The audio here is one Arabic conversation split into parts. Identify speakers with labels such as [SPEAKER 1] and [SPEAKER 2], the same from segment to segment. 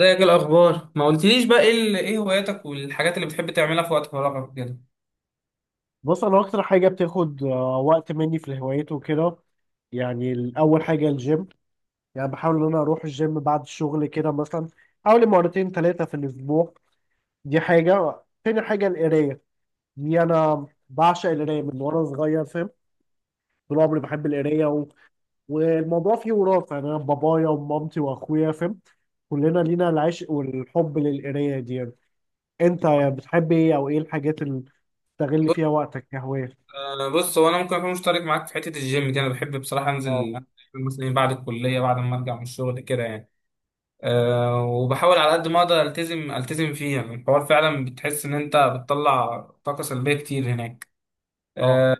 [SPEAKER 1] ازيك؟ إيه الاخبار؟ ما قلتليش بقى ايه ايه هواياتك والحاجات اللي بتحب تعملها في وقت فراغك كده.
[SPEAKER 2] بص انا اكتر حاجه بتاخد وقت مني في الهوايات وكده. يعني الاول حاجه الجيم. يعني بحاول ان انا اروح الجيم بعد الشغل كده مثلا حوالي مرتين ثلاثه في الاسبوع. دي حاجه، تاني حاجه القرايه. دي انا بعشق القرايه من وانا صغير، فاهم؟ طول عمري بحب القرايه والموضوع فيه وراثه، يعني انا بابايا ومامتي واخويا، فاهم؟ كلنا لينا العشق والحب للقرايه دي يعني. انت بتحب ايه او ايه الحاجات اللي بتستغل فيها
[SPEAKER 1] بص،
[SPEAKER 2] وقتك كهوايه؟
[SPEAKER 1] بص، هو انا ممكن اكون مشترك معاك في حته الجيم دي. انا بحب بصراحه
[SPEAKER 2] اه.
[SPEAKER 1] انزل مثلا بعد الكليه، بعد ما ارجع من الشغل كده يعني. أه، وبحاول على قد ما اقدر التزم فيه. يعني الحوار فعلا بتحس ان انت بتطلع طاقه سلبيه كتير هناك.
[SPEAKER 2] اه.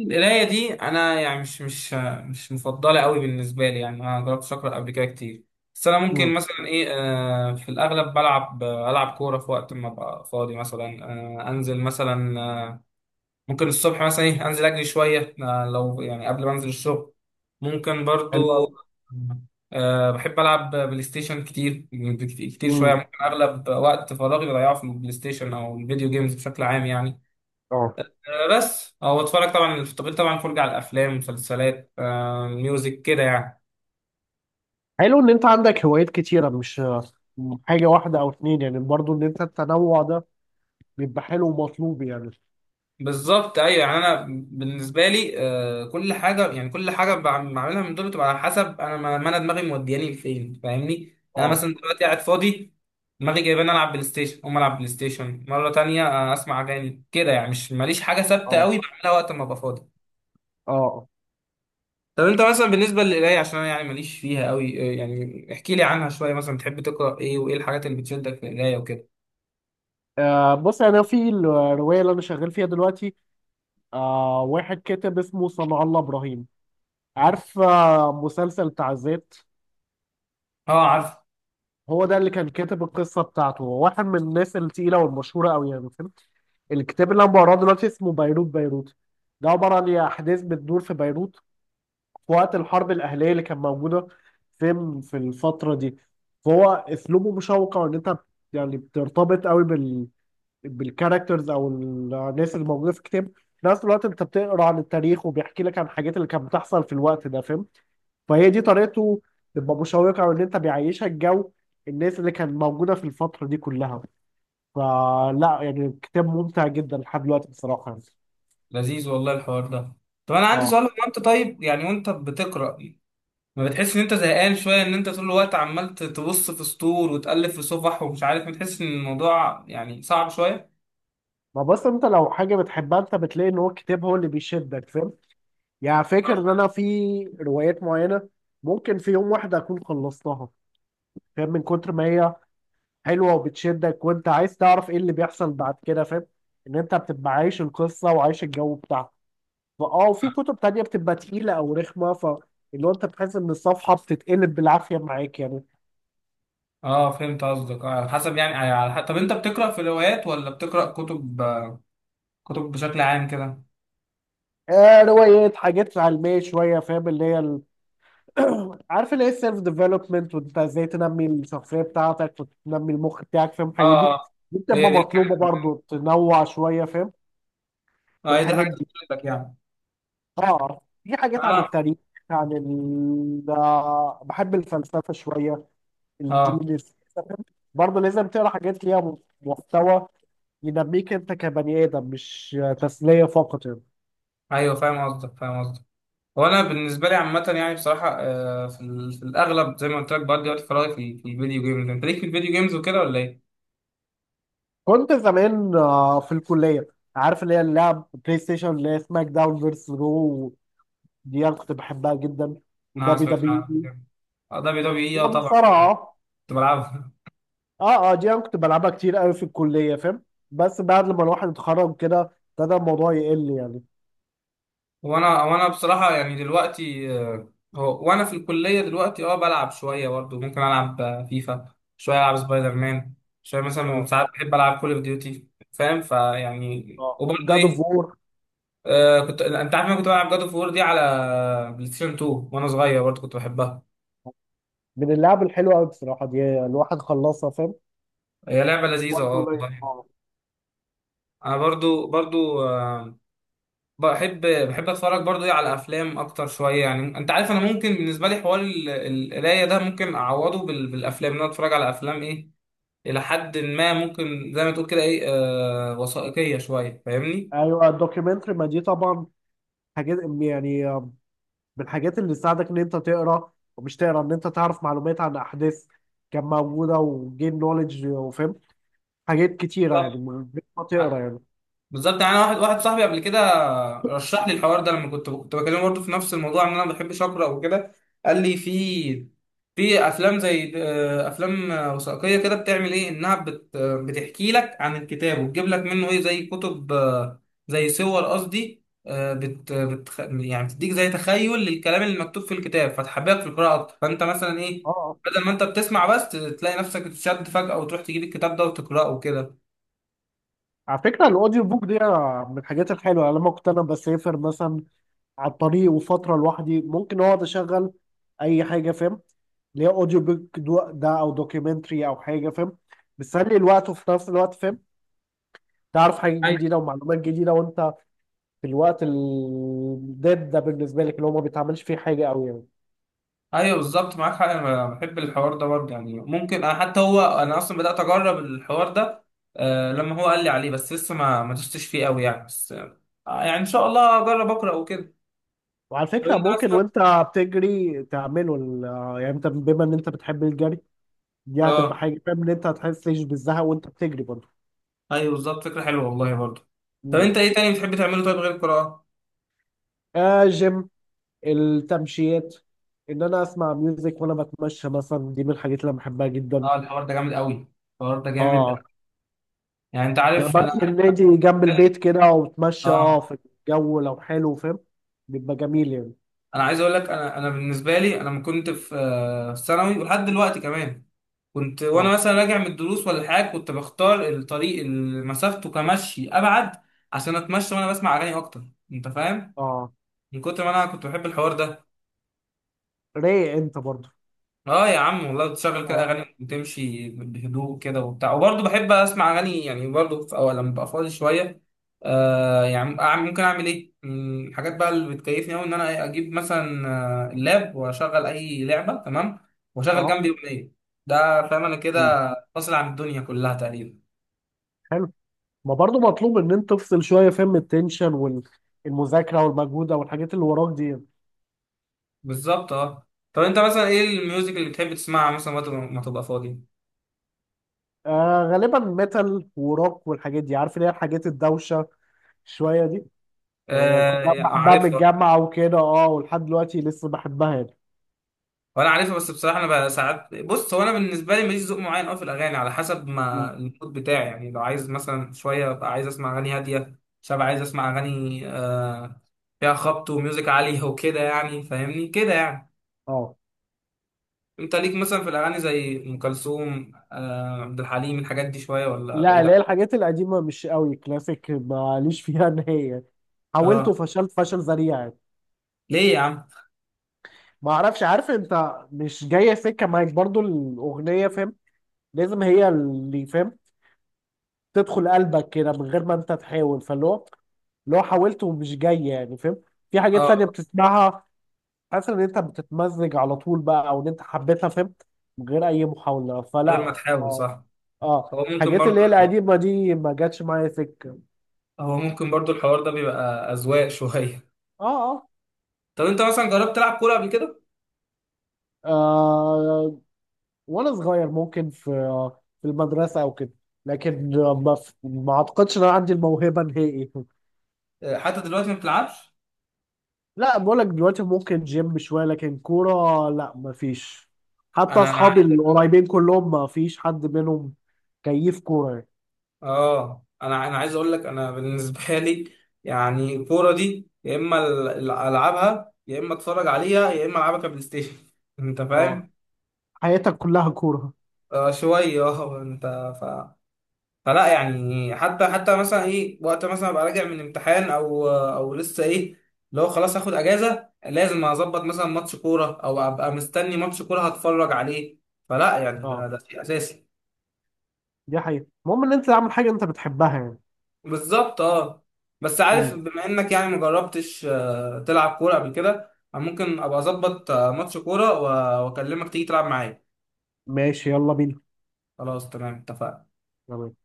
[SPEAKER 1] القراية دي أنا يعني مش مفضلة قوي بالنسبة لي. يعني أنا مجربتش أقرأ قبل كده كتير، بس أنا
[SPEAKER 2] امم.
[SPEAKER 1] ممكن مثلا إيه، في الأغلب ألعب كورة في وقت ما أبقى فاضي مثلا. آه، أنزل مثلا آه، ممكن الصبح مثلا إيه، أنزل أجري شوية، لو يعني قبل ما أنزل الشغل، ممكن
[SPEAKER 2] حلو
[SPEAKER 1] برضو.
[SPEAKER 2] أوي.
[SPEAKER 1] بحب ألعب بلاي ستيشن كتير، كتير شوية.
[SPEAKER 2] امم.
[SPEAKER 1] ممكن أغلب وقت فراغي بضيعه في البلاي ستيشن أو الفيديو جيمز بشكل عام يعني.
[SPEAKER 2] اه،
[SPEAKER 1] بس او اتفرج طبعا، التقييم طبعا، فرجة على الافلام، مسلسلات، ميوزك كده يعني.
[SPEAKER 2] حلو ان انت عندك هوايات كتيره، مش حاجه واحده او اتنين، يعني برضو ان انت التنوع ده بيبقى حلو ومطلوب يعني.
[SPEAKER 1] بالظبط، ايوه. يعني انا بالنسبه لي كل حاجه، يعني كل حاجه بعملها من دول بتبقى على حسب انا ما انا دماغي مودياني لفين، فاهمني؟ يعني انا
[SPEAKER 2] اه.
[SPEAKER 1] مثلا دلوقتي قاعد فاضي، دماغي جايباني العب بلاي ستيشن، اقوم العب بلاي ستيشن مره تانية، اسمع اغاني كده يعني. مش ماليش حاجه ثابته
[SPEAKER 2] اه.
[SPEAKER 1] قوي بعملها وقت ما ابقى فاضي.
[SPEAKER 2] اه. آه.
[SPEAKER 1] طب انت مثلا بالنسبه للقرايه، عشان انا يعني ماليش فيها قوي، يعني احكي لي عنها شويه. مثلا بتحب تقرا ايه، وايه الحاجات اللي بتشدك في القرايه وكده؟
[SPEAKER 2] آه، بص انا في الروايه اللي انا شغال فيها دلوقتي، آه، واحد كاتب اسمه صنع الله ابراهيم. عارف آه مسلسل بتاع ذات؟
[SPEAKER 1] اه، عارف.
[SPEAKER 2] هو ده اللي كان كاتب القصه بتاعته. هو واحد من الناس التقيله والمشهوره قوي، يعني فهمت؟ الكتاب اللي انا بقراه دلوقتي اسمه بيروت بيروت. ده عباره عن احداث بتدور في بيروت في وقت الحرب الأهلية اللي كانت موجودة فين في الفترة دي. فهو أسلوبه مشوق، وإن أنت يعني بترتبط قوي بالكاركترز أو الناس اللي موجودة في الكتاب. في نفس الوقت أنت بتقرأ عن التاريخ وبيحكي لك عن الحاجات اللي كانت بتحصل في الوقت ده، فاهم؟ فهي دي طريقته، تبقى مشوقة وإن أنت بيعيشك جو الناس اللي كانت موجودة في الفترة دي كلها. فلا يعني الكتاب ممتع جدا لحد دلوقتي بصراحة يعني.
[SPEAKER 1] لذيذ والله الحوار ده. طب انا عندي سؤال.
[SPEAKER 2] اه.
[SPEAKER 1] هو انت طيب يعني وانت بتقرا، ما بتحس ان انت زهقان شويه، ان انت طول الوقت عمال تبص في سطور وتقلب في صفح ومش عارف، بتحس ان الموضوع يعني صعب شويه؟
[SPEAKER 2] ما بس انت لو حاجة بتحبها انت بتلاقي ان هو الكتاب هو اللي بيشدك، فاهم؟ يعني فاكر ان انا في روايات معينه ممكن في يوم واحد اكون خلصتها، فاهم؟ من كتر ما هي حلوه وبتشدك وانت عايز تعرف ايه اللي بيحصل بعد كده، فاهم؟ ان انت بتبقى عايش القصه وعايش الجو بتاعها. فاه، وفي كتب تانية بتبقى تقيله او رخمه، ف اللي هو انت بتحس ان الصفحه بتتقلب بالعافيه معاك يعني.
[SPEAKER 1] اه، فهمت قصدك. اه، على حسب يعني، على حسب. طب انت بتقرا في روايات ولا بتقرا كتب، كتب بشكل عام كده؟
[SPEAKER 2] آه، روايات، حاجات علميه شويه، فاهم؟ اللي هي عارف اللي هي السيلف ديفلوبمنت، وانت ازاي تنمي الشخصيه بتاعتك وتنمي المخ بتاعك، فاهم؟
[SPEAKER 1] اه،
[SPEAKER 2] الحاجات دي.
[SPEAKER 1] آه.
[SPEAKER 2] دي
[SPEAKER 1] هي
[SPEAKER 2] بتبقى
[SPEAKER 1] دي
[SPEAKER 2] مطلوبه
[SPEAKER 1] الحاجه.
[SPEAKER 2] برضو، تنوع شويه فاهم في
[SPEAKER 1] اه، هي دي
[SPEAKER 2] الحاجات
[SPEAKER 1] الحاجه اللي
[SPEAKER 2] دي.
[SPEAKER 1] بتفيدك يعني.
[SPEAKER 2] اه في حاجات عن
[SPEAKER 1] انا،
[SPEAKER 2] التاريخ، عن ال بحب الفلسفه شويه،
[SPEAKER 1] اه،
[SPEAKER 2] الجينيس. برضه لازم تقرا حاجات ليها محتوى ينميك انت كبني ادم، مش تسليه فقط يعني.
[SPEAKER 1] ايوه فاهم قصدك، فاهم قصدك. وانا بالنسبه لي عامه يعني بصراحه، في الاغلب زي ما قلت لك، بقضي وقت فراغي في الفيديو جيمز. انت ليك في الفيديو جيمز وكده ولا ايه؟
[SPEAKER 2] كنت زمان في الكليه، عارف اللي هي اللعب بلاي ستيشن، اللي هي سماك داون فيرس رو، دي انا كنت بحبها جدا.
[SPEAKER 1] انا ما
[SPEAKER 2] ودبي
[SPEAKER 1] سمعتش
[SPEAKER 2] دبي،
[SPEAKER 1] عنها. اه، دبليو دبليو اي،
[SPEAKER 2] هي
[SPEAKER 1] اه طبعا،
[SPEAKER 2] مصارعه.
[SPEAKER 1] كنت بلعبها.
[SPEAKER 2] اه. اه، دي انا كنت بلعبها كتير قوي في الكليه، فاهم؟ بس بعد لما الواحد اتخرج كده ابتدى الموضوع يقل يعني.
[SPEAKER 1] وانا بصراحه يعني دلوقتي، هو وانا في الكليه دلوقتي اه بلعب شويه برضه. ممكن العب فيفا شويه، العب سبايدر مان شويه، مثلا
[SPEAKER 2] اه.
[SPEAKER 1] ساعات بحب العب كول اوف ديوتي فاهم؟ فيعني
[SPEAKER 2] اه،
[SPEAKER 1] وبرضه
[SPEAKER 2] جاد اوف
[SPEAKER 1] ايه،
[SPEAKER 2] وور،
[SPEAKER 1] آه، كنت انت عارف إن انا كنت بلعب جاد اوف وور دي على بلاي ستيشن 2 وانا صغير؟ برضه كنت بحبها.
[SPEAKER 2] من اللعب الحلوه قوي بصراحه، دي الواحد خلصها، فاهم؟
[SPEAKER 1] هي لعبة لذيذة
[SPEAKER 2] وقت
[SPEAKER 1] اه
[SPEAKER 2] قليل.
[SPEAKER 1] والله.
[SPEAKER 2] اه،
[SPEAKER 1] انا برضو بحب اتفرج برضو ايه على افلام اكتر شوية. يعني انت عارف انا ممكن بالنسبة لي حوار القراية ده ممكن اعوضه بالافلام، ان انا اتفرج على افلام ايه الى حد ما، ممكن زي ما تقول كده ايه، آه، وثائقية شوية، فاهمني؟
[SPEAKER 2] ايوه الدوكيومنتري، ما دي طبعا حاجات يعني، من الحاجات اللي تساعدك ان انت تقرا ومش تقرا، ان انت تعرف معلومات عن احداث كان موجوده، وجين نوليدج، وفاهم حاجات كتيره يعني
[SPEAKER 1] بالظبط،
[SPEAKER 2] من غير ما تقرا يعني.
[SPEAKER 1] بالظبط. يعني انا واحد صاحبي قبل كده رشح لي الحوار ده. لما كنت بكلمه برضه في نفس الموضوع، ان انا ما بحبش اقرا وكده، قال لي في، في افلام زي افلام وثائقيه كده بتعمل ايه، انها بت آه، بتحكي لك عن الكتاب وتجيب لك منه ايه، زي كتب زي صور قصدي، آه، بت بت يعني بتديك زي تخيل للكلام اللي مكتوب في الكتاب، فتحببك في القراءه اكتر. فانت مثلا ايه،
[SPEAKER 2] اه،
[SPEAKER 1] بدل ما انت بتسمع بس، تلاقي نفسك تشد فجاه وتروح تجيب الكتاب ده وتقراه وكده.
[SPEAKER 2] على فكرة الأوديو بوك دي من الحاجات الحلوة. لما كنت أنا بسافر مثلا على الطريق وفترة لوحدي، ممكن أقعد أشغل أي حاجة، فاهم؟ اللي هي أوديو بوك ده، أو دوكيومنتري أو حاجة، فاهم؟ بتسلي الوقت، وفي نفس الوقت فاهم تعرف حاجات جديدة ومعلومات جديدة، وأنت في الوقت الداد ده بالنسبة لك اللي هو ما بيتعملش فيه حاجة أوي يعني.
[SPEAKER 1] ايوه بالظبط، معاك حق. انا بحب الحوار ده برضه يعني. ممكن انا، حتى هو انا اصلا بدات اجرب الحوار ده، آه، لما هو قال لي عليه، بس لسه ما دستش فيه قوي يعني. بس آه، يعني ان شاء الله اجرب اقرا وكده.
[SPEAKER 2] وعلى
[SPEAKER 1] طب
[SPEAKER 2] فكرة
[SPEAKER 1] انت
[SPEAKER 2] ممكن
[SPEAKER 1] اصلا،
[SPEAKER 2] وأنت بتجري تعمله يعني أنت بما إن أنت بتحب الجري، دي هتبقى
[SPEAKER 1] اه،
[SPEAKER 2] حاجة، فاهم؟ إن أنت هتحسش بالزهق وأنت بتجري برضه.
[SPEAKER 1] ايوه بالظبط، فكره حلوه والله برضه. طب
[SPEAKER 2] مم.
[SPEAKER 1] انت ايه تاني بتحب تعمله طيب غير القراءه؟
[SPEAKER 2] آه، جيم، التمشيات، ان انا اسمع ميوزك وانا بتمشى مثلا، دي من الحاجات اللي انا بحبها جدا.
[SPEAKER 1] اه، الحوار ده جامد قوي، الحوار ده جامد.
[SPEAKER 2] اه،
[SPEAKER 1] يعني انت
[SPEAKER 2] يعني
[SPEAKER 1] عارف
[SPEAKER 2] بروح
[SPEAKER 1] انا،
[SPEAKER 2] النادي جنب البيت كده وبتمشى اه
[SPEAKER 1] اه،
[SPEAKER 2] في الجو لو حلو، فاهم؟ بيبقى جميل يعني.
[SPEAKER 1] انا عايز اقول لك. انا، انا بالنسبه لي، انا لما كنت في في ثانوي ولحد دلوقتي كمان، كنت وانا
[SPEAKER 2] اه.
[SPEAKER 1] مثلا راجع من الدروس ولا حاجه، كنت بختار الطريق اللي مسافته كمشي ابعد عشان اتمشى وانا بسمع اغاني اكتر. انت فاهم؟
[SPEAKER 2] اه،
[SPEAKER 1] من كتر ما انا كنت بحب الحوار ده.
[SPEAKER 2] رايق انت برضو.
[SPEAKER 1] اه يا عم والله، بتشغل كده
[SPEAKER 2] اه.
[SPEAKER 1] اغاني وتمشي بهدوء كده وبتاع. وبرضه بحب اسمع اغاني يعني برضه في اول لما ببقى فاضي شويه. آه يعني ممكن اعمل ايه من الحاجات بقى اللي بتكيفني قوي، ان انا إيه، اجيب مثلا اللاب واشغل اي لعبه، تمام، واشغل
[SPEAKER 2] اه.
[SPEAKER 1] جنبي اغنيه. ده فاهم انا كده
[SPEAKER 2] مم.
[SPEAKER 1] فاصل عن الدنيا كلها تقريبا.
[SPEAKER 2] حلو. ما برضو مطلوب ان انت تفصل شويه، فاهم؟ من التنشن والمذاكره والمجهوده والحاجات اللي وراك دي.
[SPEAKER 1] بالظبط اه. طب انت مثلا ايه الميوزك اللي بتحب تسمعها مثلا وقت ما تبقى فاضي؟
[SPEAKER 2] آه غالبا ميتال وروك والحاجات دي، عارف اللي هي الحاجات الدوشه شويه دي. هي كنت
[SPEAKER 1] آه،
[SPEAKER 2] بحبها من
[SPEAKER 1] عارفها.
[SPEAKER 2] الجامعة وكده، اه، ولحد دلوقتي لسه بحبها يعني.
[SPEAKER 1] وانا عارفها. بس بصراحه انا بقى ساعات، بص، هو انا بالنسبه لي ماليش ذوق معين قوي في الاغاني، على حسب
[SPEAKER 2] مم.
[SPEAKER 1] ما المود بتاعي يعني. لو عايز مثلا شويه ابقى عايز اسمع اغاني هاديه، شويه عايز اسمع اغاني آه فيها خبط وميوزك عالي وكده يعني، فاهمني كده يعني.
[SPEAKER 2] اه.
[SPEAKER 1] انت ليك مثلا في الاغاني زي ام كلثوم، آه عبد الحليم، الحاجات دي شويه ولا
[SPEAKER 2] لا،
[SPEAKER 1] بعيد
[SPEAKER 2] اللي هي الحاجات القديمة مش قوي، كلاسيك ماليش فيها نهائي. حاولت
[SPEAKER 1] اه.
[SPEAKER 2] وفشلت فشل ذريع يعني.
[SPEAKER 1] ليه يا عم؟
[SPEAKER 2] ما اعرفش، عارف انت مش جاية سكة معاك برضو الأغنية، فاهم؟ لازم هي اللي فاهم تدخل قلبك كده من غير ما انت تحاول، فاللي هو اللي هو حاولت ومش جاي يعني، فاهم؟ في حاجات تانية
[SPEAKER 1] اه.
[SPEAKER 2] بتسمعها حاسس ان انت بتتمزج على طول بقى، او ان انت حبيتها، فاهم؟ من غير اي محاولة. فلا.
[SPEAKER 1] غير ما تحاول،
[SPEAKER 2] اه.
[SPEAKER 1] صح.
[SPEAKER 2] اه،
[SPEAKER 1] هو ممكن
[SPEAKER 2] الحاجات
[SPEAKER 1] برضه
[SPEAKER 2] اللي هي القديمه دي ما جاتش معايا سكه.
[SPEAKER 1] هو ممكن برضو الحوار ده بيبقى أذواق شوية.
[SPEAKER 2] اه. اه.
[SPEAKER 1] طب أنت مثلا جربت تلعب كورة قبل كده؟
[SPEAKER 2] آه، وانا صغير ممكن في في المدرسه او كده، لكن ما اعتقدش ان انا عندي الموهبه نهائي.
[SPEAKER 1] آه، حتى دلوقتي ما بتلعبش؟
[SPEAKER 2] لا بقول لك دلوقتي ممكن جيم شويه، لكن كوره لا ما فيش. حتى
[SPEAKER 1] أنا أنا
[SPEAKER 2] اصحابي
[SPEAKER 1] عاي-
[SPEAKER 2] القريبين كلهم ما فيش حد منهم كيف كوره يعني.
[SPEAKER 1] آه أنا عايز أقول لك. أنا بالنسبة لي يعني الكورة دي يا إما ألعبها، يا إما أتفرج عليها، يا إما ألعبها كبلاي ستيشن. أنت
[SPEAKER 2] اه،
[SPEAKER 1] فاهم؟
[SPEAKER 2] حياتك كلها كوره.
[SPEAKER 1] آه شوية، أه. أنت، فلا يعني، حتى مثلا ايه وقت مثلا ابقى راجع من امتحان او لسه ايه، لو خلاص هاخد اجازه، لازم اظبط مثلا ماتش كوره او ابقى مستني ماتش كوره هتفرج عليه. فلا يعني ده
[SPEAKER 2] اه،
[SPEAKER 1] ده شيء اساسي.
[SPEAKER 2] دي حقيقه، المهم ان انت تعمل حاجه انت بتحبها يعني.
[SPEAKER 1] بالظبط اه. بس عارف،
[SPEAKER 2] مم.
[SPEAKER 1] بما انك يعني مجربتش تلعب كوره قبل كده، أنا ممكن ابقى اظبط ماتش كوره واكلمك تيجي تلعب معايا.
[SPEAKER 2] ماشي، يلا بينا.
[SPEAKER 1] خلاص تمام، اتفقنا.
[SPEAKER 2] تمام.